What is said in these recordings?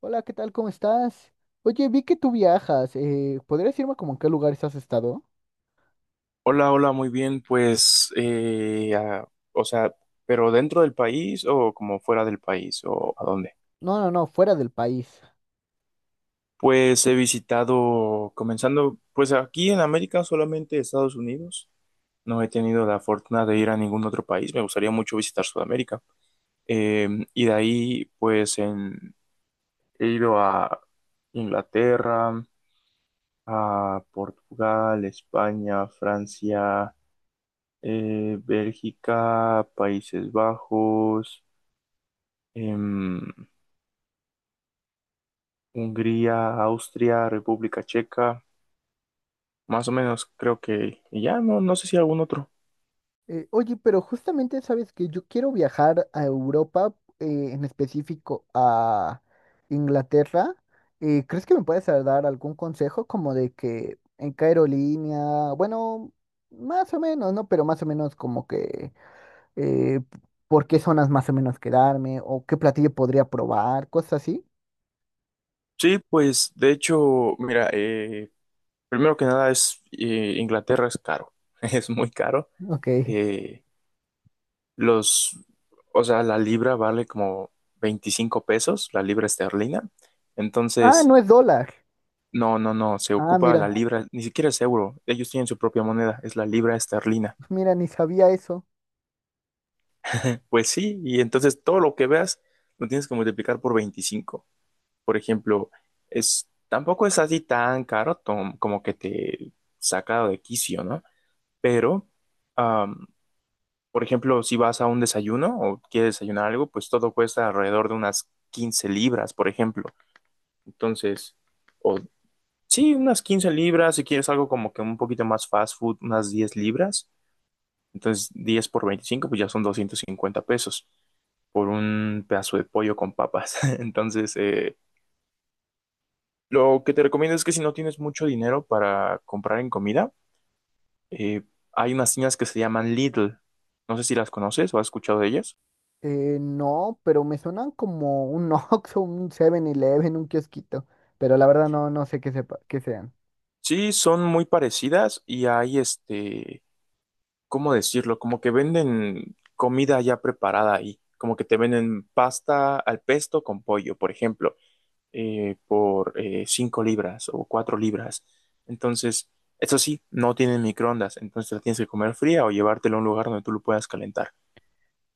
Hola, ¿qué tal? ¿Cómo estás? Oye, vi que tú viajas. ¿Podrías decirme como en qué lugares has estado? Hola, hola, muy bien, pues, o sea, ¿pero dentro del país o como fuera del país o a dónde? No, no, no, fuera del país. Pues he visitado, comenzando, pues aquí en América solamente Estados Unidos. No he tenido la fortuna de ir a ningún otro país. Me gustaría mucho visitar Sudamérica. Eh, y de ahí, pues, he ido a Inglaterra, a Portugal, España, Francia, Bélgica, Países Bajos. em, Hungría, Austria, República Checa, más o menos creo que y ya, no, no sé si algún otro. Oye, pero justamente sabes que yo quiero viajar a Europa, en específico a Inglaterra. ¿Crees que me puedes dar algún consejo como de que en qué aerolínea? Bueno, más o menos, ¿no? Pero más o menos como que eh, por qué zonas más o menos quedarme o qué platillo podría probar, cosas así. Sí, pues de hecho, mira, primero que nada es Inglaterra es caro, es muy caro. Ok. Eh, los, o sea, la libra vale como 25 pesos, la libra esterlina. Ah, Entonces, no es dólar. no, no, no, se Ah, ocupa la mira, libra, ni siquiera es euro, ellos tienen su propia moneda, es la libra esterlina. mira, ni sabía eso. Pues sí, y entonces todo lo que veas lo tienes que multiplicar por 25. Por ejemplo, tampoco es así tan caro como que te saca de quicio, ¿no? Pero, am, por ejemplo, si vas a un desayuno o quieres desayunar algo, pues todo cuesta alrededor de unas 15 libras, por ejemplo. Entonces, o sí, unas 15 libras, si quieres algo como que un poquito más fast food, unas 10 libras. Entonces, 10 por 25 pues ya son 250 pesos por un pedazo de pollo con papas. Entonces, lo que te recomiendo es que si no tienes mucho dinero para comprar en comida, eh, hay unas tiendas que se llaman Lidl. No sé si las conoces o has escuchado de ellas. No, pero me suenan como un Oxxo, un Seven eleven un kiosquito. Pero la verdad no, no sé qué sepa, qué sean. Sí, son muy parecidas y hay este, ¿cómo decirlo? Como que venden comida ya preparada ahí. Como que te venden pasta al pesto con pollo, por ejemplo. Por 5 libras o 4 libras. Entonces, eso sí, no tienen microondas, entonces la tienes que comer fría o llevártela a un lugar donde tú lo puedas calentar.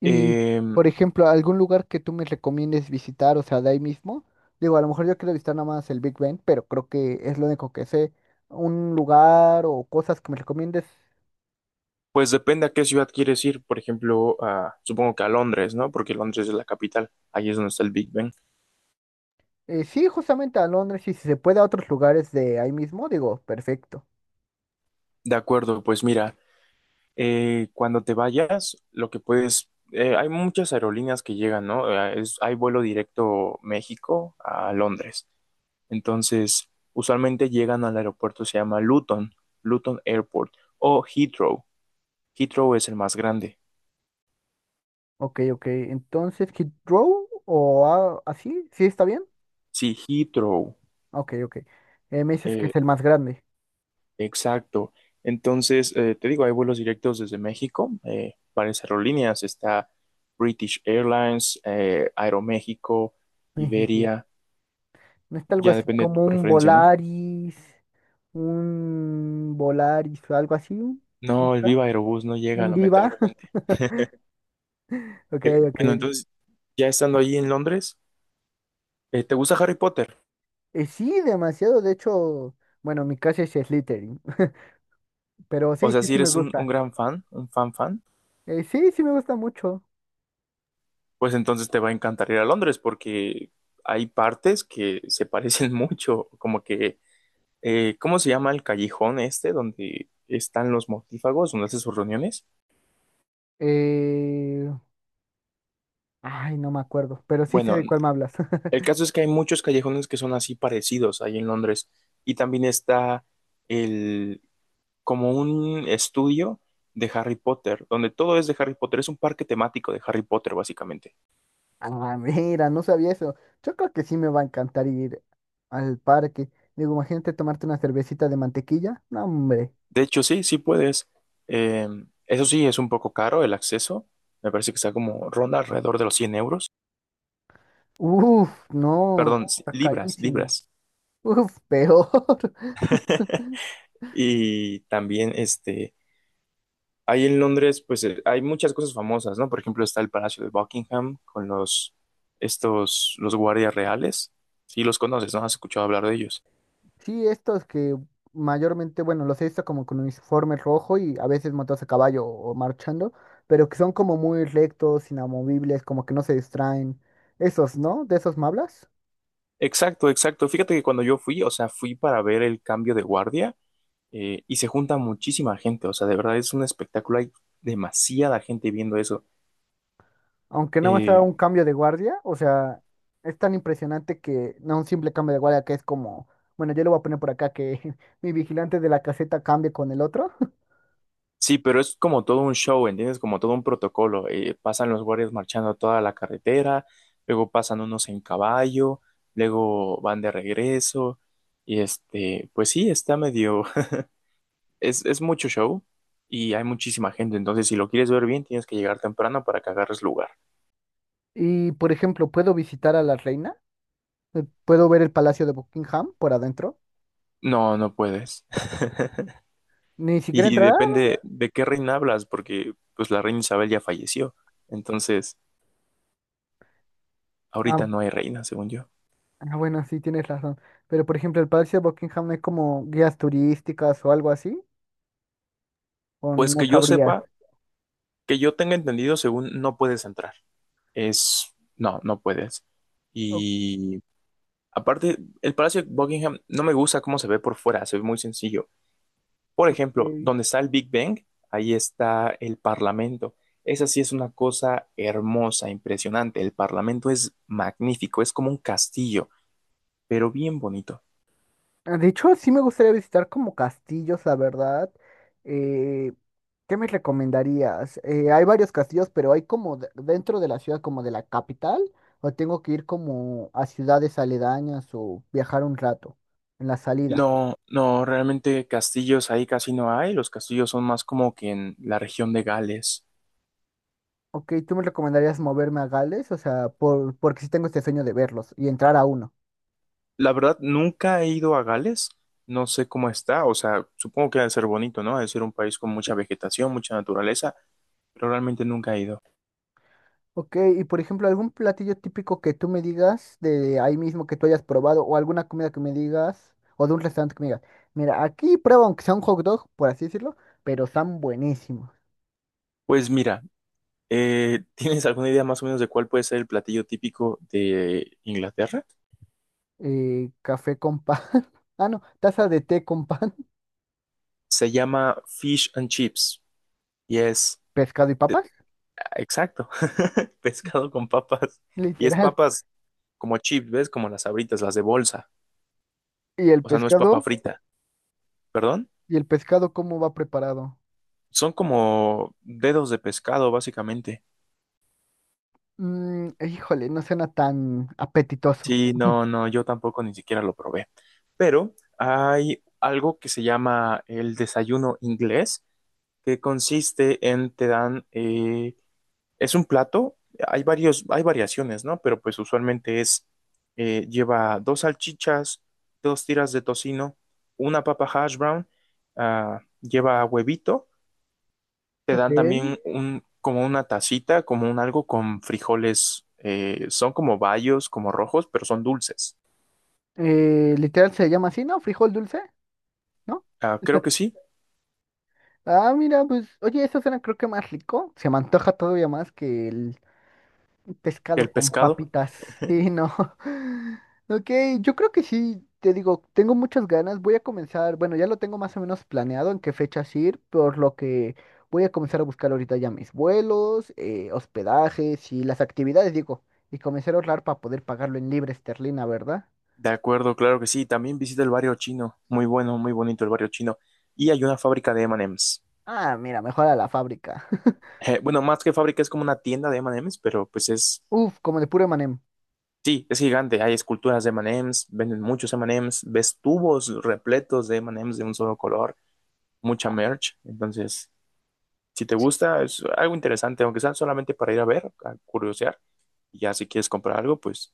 Y, Eh, por ejemplo, algún lugar que tú me recomiendes visitar, o sea, de ahí mismo. Digo, a lo mejor yo quiero visitar nada más el Big Ben, pero creo que es lo único que sé. Un lugar o cosas que me recomiendes. pues depende a qué ciudad quieres ir, por ejemplo, supongo que a Londres, ¿no? Porque Londres es la capital, ahí es donde está el Big Ben. Sí, justamente a Londres y si se puede a otros lugares de ahí mismo, digo, perfecto. De acuerdo, pues mira, cuando te vayas, lo que puedes, hay muchas aerolíneas que llegan, ¿no? Hay vuelo directo México a Londres. Entonces, usualmente llegan al aeropuerto, se llama Luton, Luton Airport o Heathrow. Heathrow es el más grande. Ok, ok. Entonces, Hit Row o a- así, ¿sí está bien? Sí, Heathrow, Ok, ok. Me dices que eh, es el más grande. exacto. Entonces, te digo, hay vuelos directos desde México, varias aerolíneas, está British Airlines, Aeroméxico, Ejiji. Iberia, ¿No está algo ya así depende de tu como preferencia, ¿no? Un Volaris o algo así? ¿No No, el está? Viva Aerobús no llega, ¿Un Viva? lamentablemente. Ok, Eh, ok. bueno, entonces, ya estando allí en Londres, ¿te gusta Harry Potter? Sí, demasiado. De hecho, bueno, mi casa es Slytherin. Pero O sí, sea, sí, si sí me eres un gusta. gran fan, un fan fan, Sí, sí me gusta mucho. pues entonces te va a encantar ir a Londres porque hay partes que se parecen mucho, como que, ¿cómo se llama el callejón este donde están los mortífagos, donde hacen sus reuniones? Eh, Ay, no me acuerdo. Pero sí sé Bueno, de cuál me hablas. el caso es que hay muchos callejones que son así parecidos ahí en Londres y también está el, como un estudio de Harry Potter, donde todo es de Harry Potter, es un parque temático de Harry Potter básicamente. Ah, mira, no sabía eso. Yo creo que sí me va a encantar ir al parque. Digo, imagínate tomarte una cervecita de mantequilla. No, hombre. De hecho, sí, sí puedes. Eh, eso sí, es un poco caro el acceso. Me parece que está como ronda alrededor de los 100 euros. Uf, no, Perdón, sí, está libras, carísimo. libras. Uf, peor. Y también, este, ahí en Londres, pues hay muchas cosas famosas, ¿no? Por ejemplo, está el Palacio de Buckingham con estos, los guardias reales. Sí, los conoces, ¿no? Has escuchado hablar de ellos. Sí, estos que mayormente, bueno, los he visto como con uniforme rojo y a veces montados a caballo o marchando, pero que son como muy rectos, inamovibles, como que no se distraen. Esos, ¿no? ¿De esos me hablas? Exacto, exacto. Fíjate que cuando yo fui, o sea, fui para ver el cambio de guardia y se junta muchísima gente, o sea, de verdad es un espectáculo, hay demasiada gente viendo eso. Aunque nada más sea un Eh, cambio de guardia, o sea, es tan impresionante que no un simple cambio de guardia que es como, bueno, yo lo voy a poner por acá que mi vigilante de la caseta cambie con el otro. sí, pero es como todo un show, ¿entiendes? Como todo un protocolo. Pasan los guardias marchando toda la carretera, luego pasan unos en caballo, luego van de regreso, y este, pues sí, está medio, es mucho show. Y hay muchísima gente, entonces si lo quieres ver bien, tienes que llegar temprano para que agarres lugar. Y por ejemplo, puedo visitar a la reina, puedo ver el palacio de Buckingham por adentro, No, no puedes. ni siquiera Y entrar. depende de qué reina hablas, porque pues la reina Isabel ya falleció. Entonces, Ah, ahorita no hay reina, según yo. ah, bueno, sí, tienes razón. Pero por ejemplo, el palacio de Buckingham no es como guías turísticas o algo así, o Pues no que yo sabrías. sepa, que yo tenga entendido, según no puedes entrar. Es, no, no puedes. Ok. Y aparte, el Palacio de Buckingham no me gusta cómo se ve por fuera, se ve muy sencillo. Por ejemplo, donde está el Big Bang, ahí está el Parlamento. Esa sí es una cosa hermosa, impresionante. El Parlamento es magnífico, es como un castillo, pero bien bonito. Ah, de hecho, sí me gustaría visitar como castillos, la verdad. Eh, ¿Qué me recomendarías? Hay varios castillos, pero hay como dentro de la ciudad, como de la capital, o tengo que ir como a ciudades aledañas o viajar un rato en las salidas. No, no, realmente castillos ahí casi no hay, los castillos son más como que en la región de Gales. Ok, ¿tú me recomendarías moverme a Gales? O sea, porque sí tengo este sueño de verlos y entrar a uno. La verdad, nunca he ido a Gales, no sé cómo está, o sea, supongo que debe ser bonito, ¿no? Debe ser un país con mucha vegetación, mucha naturaleza, pero realmente nunca he ido. Ok, y por ejemplo, algún platillo típico que tú me digas de ahí mismo que tú hayas probado, o alguna comida que me digas, o de un restaurante que me digas, mira, aquí prueba aunque sea un hot dog, por así decirlo, pero están buenísimos. Pues mira, ¿tienes alguna idea más o menos de cuál puede ser el platillo típico de Inglaterra? Café con pan, ah, no, taza de té con pan, Se llama fish and chips y es, pescado y eh, papas, exacto, pescado con papas y es literal. papas como chips, ¿ves? Como las abritas, las de bolsa. ¿Y el O sea, no es papa pescado? frita, ¿perdón? ¿Y el pescado cómo va preparado? Son como dedos de pescado, básicamente. Mm, híjole, no suena tan apetitoso. Sí, no, no, yo tampoco ni siquiera lo probé. Pero hay algo que se llama el desayuno inglés, que consiste en te dan, es un plato, hay varios, hay variaciones, ¿no? Pero pues usualmente es, lleva dos salchichas, dos tiras de tocino, una papa hash brown, ah, lleva huevito te Ok. dan también como una tacita, como un algo con frijoles, son como bayos, como rojos, pero son dulces. Literal se llama así, ¿no? Frijol dulce, ¿no? Ah, creo que sí, Ah, mira, pues, oye, eso suena creo que más rico. Se me antoja todavía más que el el pescado con pescado. papitas. Sí, no. Ok, yo creo que sí, te digo, tengo muchas ganas. Voy a comenzar, bueno, ya lo tengo más o menos planeado en qué fechas ir, por lo que voy a comenzar a buscar ahorita ya mis vuelos, hospedajes y las actividades, digo, y comenzar a ahorrar para poder pagarlo en libre esterlina, ¿verdad? De acuerdo, claro que sí. También visita el barrio chino. Muy bueno, muy bonito el barrio chino. Y hay una fábrica de M&M's. Ah, mira, mejor a la fábrica. Bueno, más que fábrica es como una tienda de M&M's, pero pues es, Uf, como de puro manem. sí, es gigante. Hay esculturas de M&M's, venden muchos M&M's, ves tubos repletos de M&M's de un solo color, mucha merch. Entonces, si te gusta, es algo interesante, aunque sea solamente para ir a ver, a curiosear. Y ya si quieres comprar algo, pues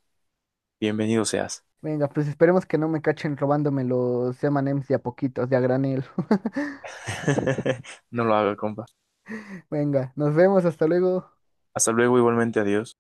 bienvenido seas. Venga, pues esperemos que no me cachen robándome los M&M's de a poquitos, de a granel. No lo haga, compa. Venga, nos vemos, hasta luego. Hasta luego, igualmente, adiós.